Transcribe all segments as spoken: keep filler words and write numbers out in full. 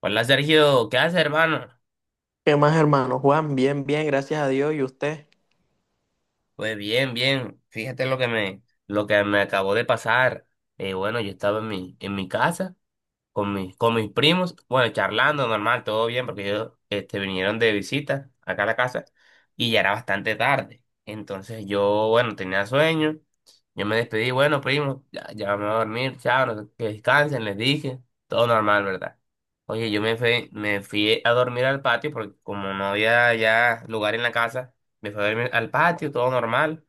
Hola Sergio, ¿qué haces, hermano? ¿Qué más, hermano? Juan, bien, bien, gracias a Dios. ¿Y usted? Pues bien, bien. Fíjate lo que me, lo que me acabó de pasar. Eh, bueno, yo estaba en mi, en mi casa con mis, con mis primos, bueno, charlando normal, todo bien, porque ellos este, vinieron de visita acá a la casa y ya era bastante tarde. Entonces yo, bueno, tenía sueño, yo me despedí, bueno, primo, ya, ya me voy a dormir, chao, no sé- que descansen, les dije, todo normal, ¿verdad? Oye, yo me fui, me fui a dormir al patio porque como no había ya lugar en la casa, me fui a dormir al patio, todo normal.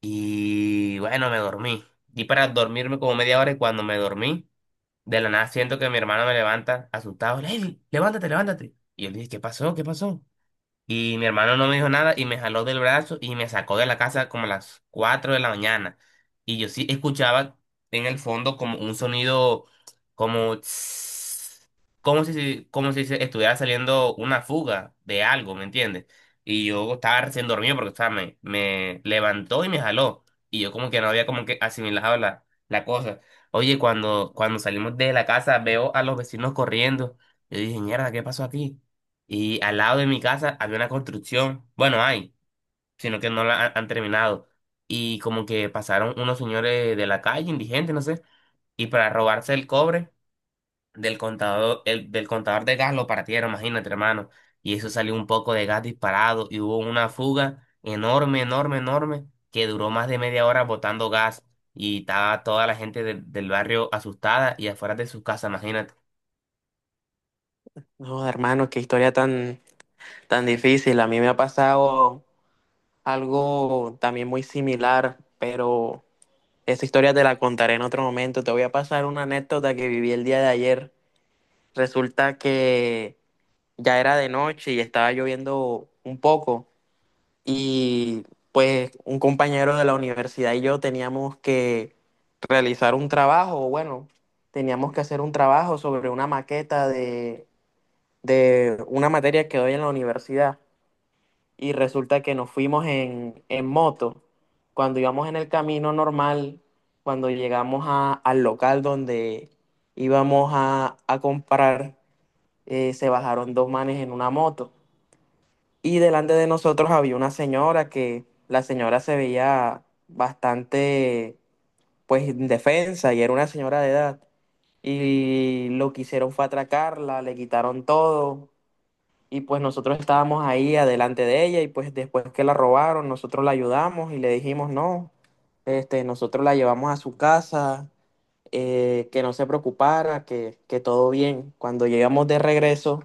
Y bueno, me dormí. Y para dormirme como media hora y cuando me dormí. De la nada siento que mi hermano me levanta, asustado. Lely, levántate, levántate. Y él dice, ¿qué pasó? ¿Qué pasó? Y mi hermano no me dijo nada y me jaló del brazo y me sacó de la casa como a las cuatro de la mañana. Y yo sí escuchaba en el fondo como un sonido como tss, como si se- como si se estuviera saliendo una fuga de algo, ¿me entiendes? Y yo estaba recién dormido porque o sea, me, me levantó y me jaló. Y yo como que no había como que asimilado la, la cosa. Oye, cuando, cuando salimos de la casa veo a los vecinos corriendo. Yo dije, mierda, ¿qué pasó aquí? Y al lado de mi casa había una construcción, bueno, hay, sino que no la han, han terminado. Y como que pasaron unos señores de la calle, indigentes, no sé, y para robarse el cobre del contador, el, del contador de gas lo partieron, imagínate, hermano. Y eso salió un poco de gas disparado y hubo una fuga enorme, enorme, enorme, que duró más de media hora botando gas. Y estaba toda la gente del del barrio asustada y afuera de sus casas, imagínate. No, hermano, qué historia tan, tan difícil. A mí me ha pasado algo también muy similar, pero esa historia te la contaré en otro momento. Te voy a pasar una anécdota que viví el día de ayer. Resulta que ya era de noche y estaba lloviendo un poco y pues un compañero de la universidad y yo teníamos que realizar un trabajo, o bueno, teníamos que hacer un trabajo sobre una maqueta de, de una materia que doy en la universidad y resulta que nos fuimos en, en moto. Cuando íbamos en el camino normal, cuando llegamos a- al local donde íbamos a a comprar eh, se bajaron dos manes en una moto. Y delante de nosotros había una señora que la señora se veía bastante, pues, indefensa y era una señora de edad. Y lo que hicieron fue atracarla, le quitaron todo. Y pues nosotros estábamos ahí adelante de ella y pues después que la robaron, nosotros la ayudamos y le dijimos, no, este, nosotros la llevamos a su casa, eh, que no se preocupara, que, que todo bien. Cuando llegamos de regreso,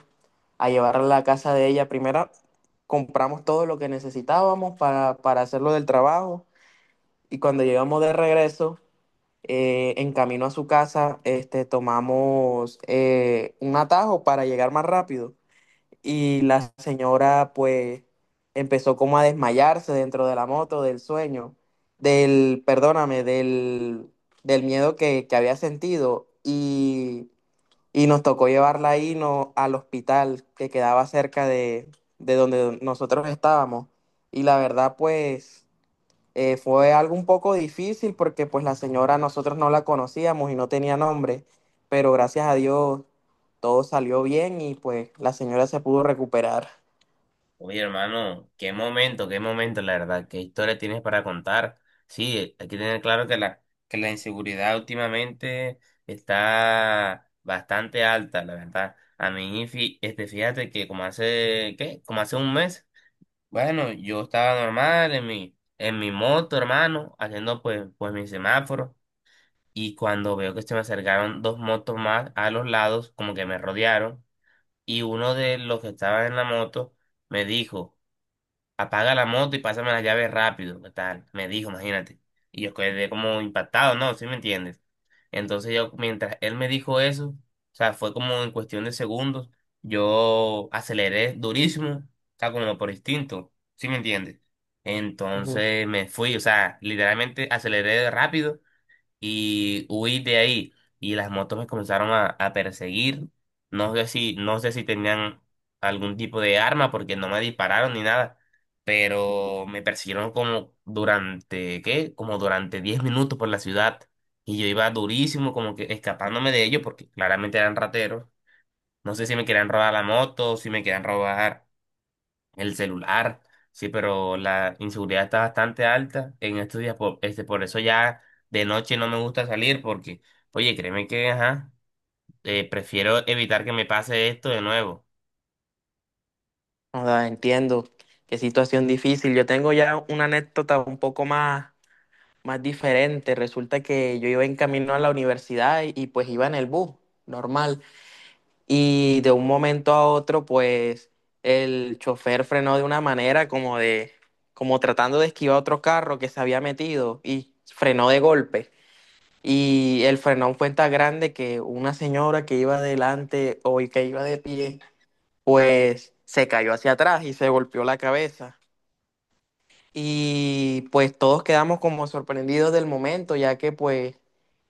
a llevarla a la casa de ella. Primero compramos todo lo que necesitábamos para, para hacerlo del trabajo y cuando llegamos de regreso, eh, en camino a su casa, este, tomamos eh, un atajo para llegar más rápido y la señora pues empezó como a desmayarse dentro de la moto, del sueño, del, perdóname, del, del miedo que, que había sentido y y nos tocó llevarla ahí no, al hospital que quedaba cerca de, de donde nosotros estábamos. Y la verdad, pues, eh, fue algo un poco difícil porque pues la señora nosotros no la conocíamos y no tenía nombre, pero gracias a Dios todo salió bien y pues la señora se pudo recuperar. Oye, hermano, qué momento, qué momento, la verdad, qué historia tienes para contar. Sí, hay que tener claro que la, que la inseguridad últimamente está bastante alta, la verdad. A mí, fí- este, fíjate que como hace, ¿qué? Como hace un mes, bueno, yo estaba normal en mi, en mi moto, hermano, haciendo pues, pues mi semáforo. Y cuando veo que se me acercaron dos motos más a los lados, como que me rodearon, y uno de los que estaban en la moto me dijo, apaga la moto y pásame las llaves rápido, ¿qué tal? Me dijo, imagínate. Y yo quedé como impactado, ¿no? ¿Sí me entiendes? Entonces yo, mientras él me dijo eso, o sea, fue como en cuestión de segundos, yo aceleré durísimo, o sea, como por instinto, ¿sí me entiendes? Ujú. Entonces me fui, o sea, literalmente aceleré rápido y huí de ahí. Y las motos me comenzaron a, a perseguir. No sé si, no sé si tenían algún tipo de arma porque no me dispararon ni nada. Pero me persiguieron como durante, ¿qué? Como durante diez minutos por la ciudad. Y yo iba durísimo, como que escapándome de ellos porque claramente eran rateros. No sé si me querían robar la moto, si me querían robar el celular, sí, pero la inseguridad está bastante alta en estos días, por, este, por eso ya de noche no me gusta salir porque, oye, créeme que, ajá, eh, prefiero evitar que me pase esto de nuevo. O entiendo qué situación difícil. Yo tengo ya una anécdota un poco más, más diferente. Resulta que yo iba en camino a la universidad y, y, pues iba en el bus, normal. Y de un momento a otro, pues el chofer frenó de una manera como de, como tratando de esquivar otro carro que se había metido y frenó de golpe. Y el frenón fue tan grande que una señora que iba adelante o que iba de pie, pues se cayó hacia atrás y se golpeó la cabeza. Y pues todos quedamos como sorprendidos del momento, ya que pues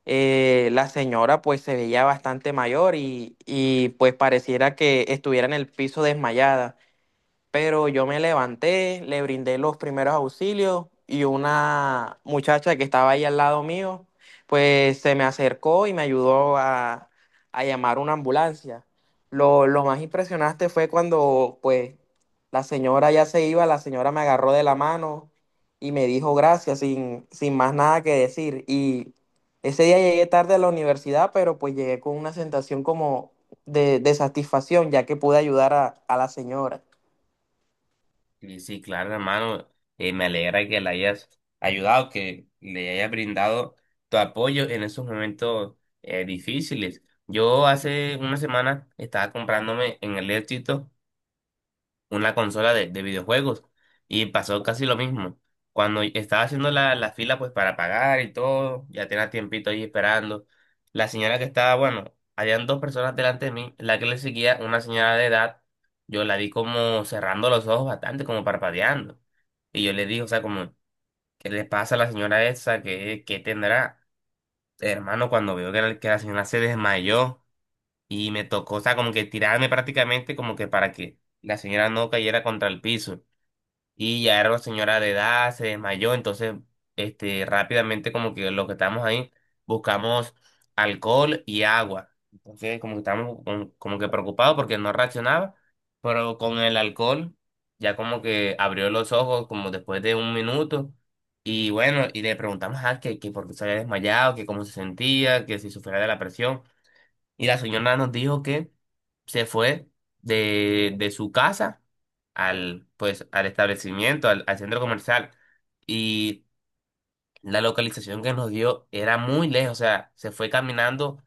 eh, la señora pues se veía bastante mayor y, y pues pareciera que estuviera en el piso desmayada, pero yo me levanté, le brindé los primeros auxilios y una muchacha que estaba ahí al lado mío, pues se me acercó y me ayudó a, a llamar una ambulancia. Lo, lo más impresionante fue cuando pues la señora ya se iba, la señora me agarró de la mano y me dijo gracias sin, sin más nada que decir. Y ese día llegué tarde a la universidad, pero pues llegué con una sensación como de, de satisfacción, ya que pude ayudar a a la señora. Y sí, claro, hermano, eh, me alegra que le hayas ayudado, que le hayas brindado tu apoyo en esos momentos eh, difíciles. Yo hace una semana estaba comprándome en el Éxito una consola de, de videojuegos. Y pasó casi lo mismo. Cuando estaba haciendo la, la fila pues para pagar y todo, ya tenía tiempito ahí esperando. La señora que estaba, bueno, habían dos personas delante de mí, la que le seguía, una señora de edad, yo la vi como cerrando los ojos bastante, como parpadeando. Y yo le dije, o sea, como, ¿qué le pasa a la señora esa? ¿Qué, qué tendrá? Hermano, cuando veo que la, que la señora se desmayó y me tocó, o sea, como que tirarme prácticamente como que para que la señora no cayera contra el piso. Y ya era una señora de edad, se desmayó, entonces este, rápidamente como que los que estamos ahí buscamos alcohol y agua. Entonces como que estábamos con- como que preocupados porque no reaccionaba, pero con el alcohol ya como que abrió los ojos como después de un minuto y bueno, y le preguntamos a que, que por qué se había desmayado, que cómo se sentía, que si sufría de la presión. Y la señora nos dijo que se fue de, de su casa al, pues, al establecimiento, al, al centro comercial. Y la localización que nos dio era muy lejos, o sea, se fue caminando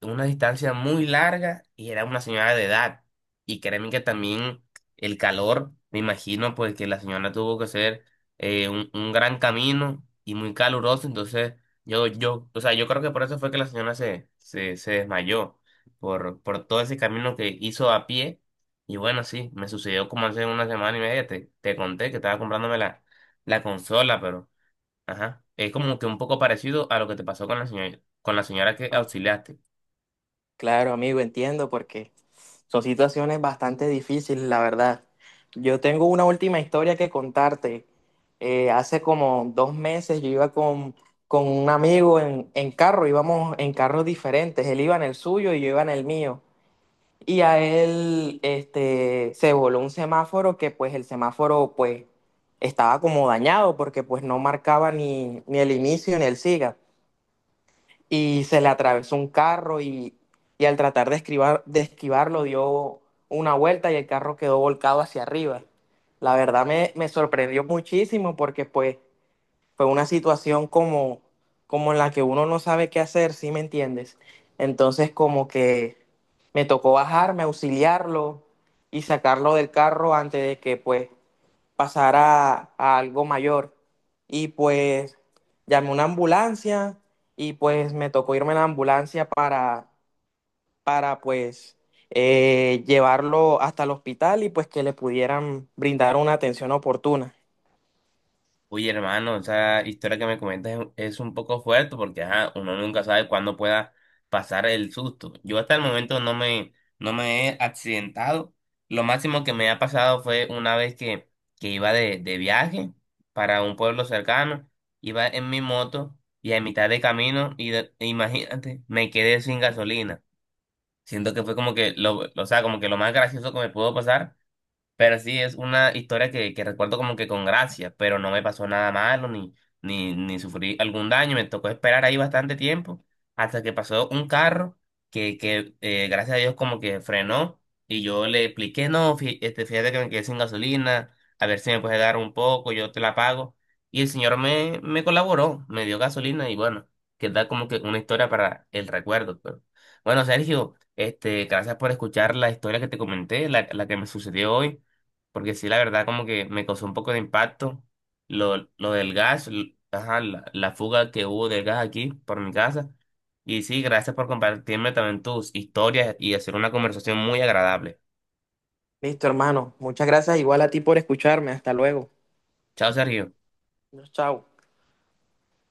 una distancia muy larga y era una señora de edad. Y créeme que también el calor, me imagino, pues que la señora tuvo que hacer eh, un, un gran camino y muy caluroso. Entonces, yo, yo, o sea, yo creo que por eso fue que la señora se, se, se desmayó, por, por todo ese camino que hizo a pie. Y bueno, sí, me sucedió como hace una semana y media, te, te conté que estaba comprándome la, la consola, pero, ajá, es como que un poco parecido a lo que te pasó con la señora, con la señora que auxiliaste. Claro, amigo, entiendo porque son situaciones bastante difíciles, la verdad. Yo tengo una última historia que contarte. Eh, hace como dos meses yo iba con, con un amigo en, en carro, íbamos en carros diferentes. Él iba en el suyo y yo iba en el mío. Y a él este, se voló un semáforo que pues el semáforo pues estaba como dañado porque pues no marcaba ni, ni el inicio ni el siga y se le atravesó un carro y, y al tratar de, esquivar- de esquivarlo dio una vuelta y el carro quedó volcado hacia arriba. La verdad me, me sorprendió muchísimo porque pues fue una situación como, como en la que uno no sabe qué hacer, ¿sí me entiendes? Entonces como que me tocó bajarme, auxiliarlo y sacarlo del carro antes de que pues pasar a, a algo mayor. Y pues llamé una ambulancia y pues me tocó irme en la ambulancia para, para pues eh, llevarlo hasta el hospital y pues que le pudieran brindar una atención oportuna. Uy, hermano, esa historia que me comentas es es un poco fuerte porque ajá, uno nunca sabe cuándo pueda pasar el susto. Yo hasta el momento no me, no me he accidentado. Lo máximo que me ha pasado fue una vez que, que iba de, de viaje para un pueblo cercano, iba en mi moto y a mitad de camino, y de- e imagínate, me quedé sin gasolina. Siento que fue como que lo, o sea, como que lo más gracioso que me pudo pasar pero sí, es una historia que, que recuerdo como que con gracia, pero no me pasó nada malo ni, ni, ni sufrí algún daño. Me tocó esperar ahí bastante tiempo hasta que pasó un carro que, que eh, gracias a Dios como que frenó y yo le expliqué, no, fí- este, fíjate que me quedé sin gasolina, a ver si me puedes dar un poco, yo te la pago. Y el señor me, me colaboró, me dio gasolina y bueno, queda como que una historia para el recuerdo. Pero. Bueno, Sergio, este, gracias por escuchar la historia que te comenté, la, la que me sucedió hoy. Porque sí, la verdad, como que me causó un poco de impacto lo, lo del gas, l- ajá, la, la fuga que hubo del gas aquí por mi casa. Y sí, gracias por compartirme también tus historias y hacer una conversación muy agradable. Listo, hermano. Muchas gracias igual a ti por escucharme. Hasta luego. Chao, Sergio. Chao.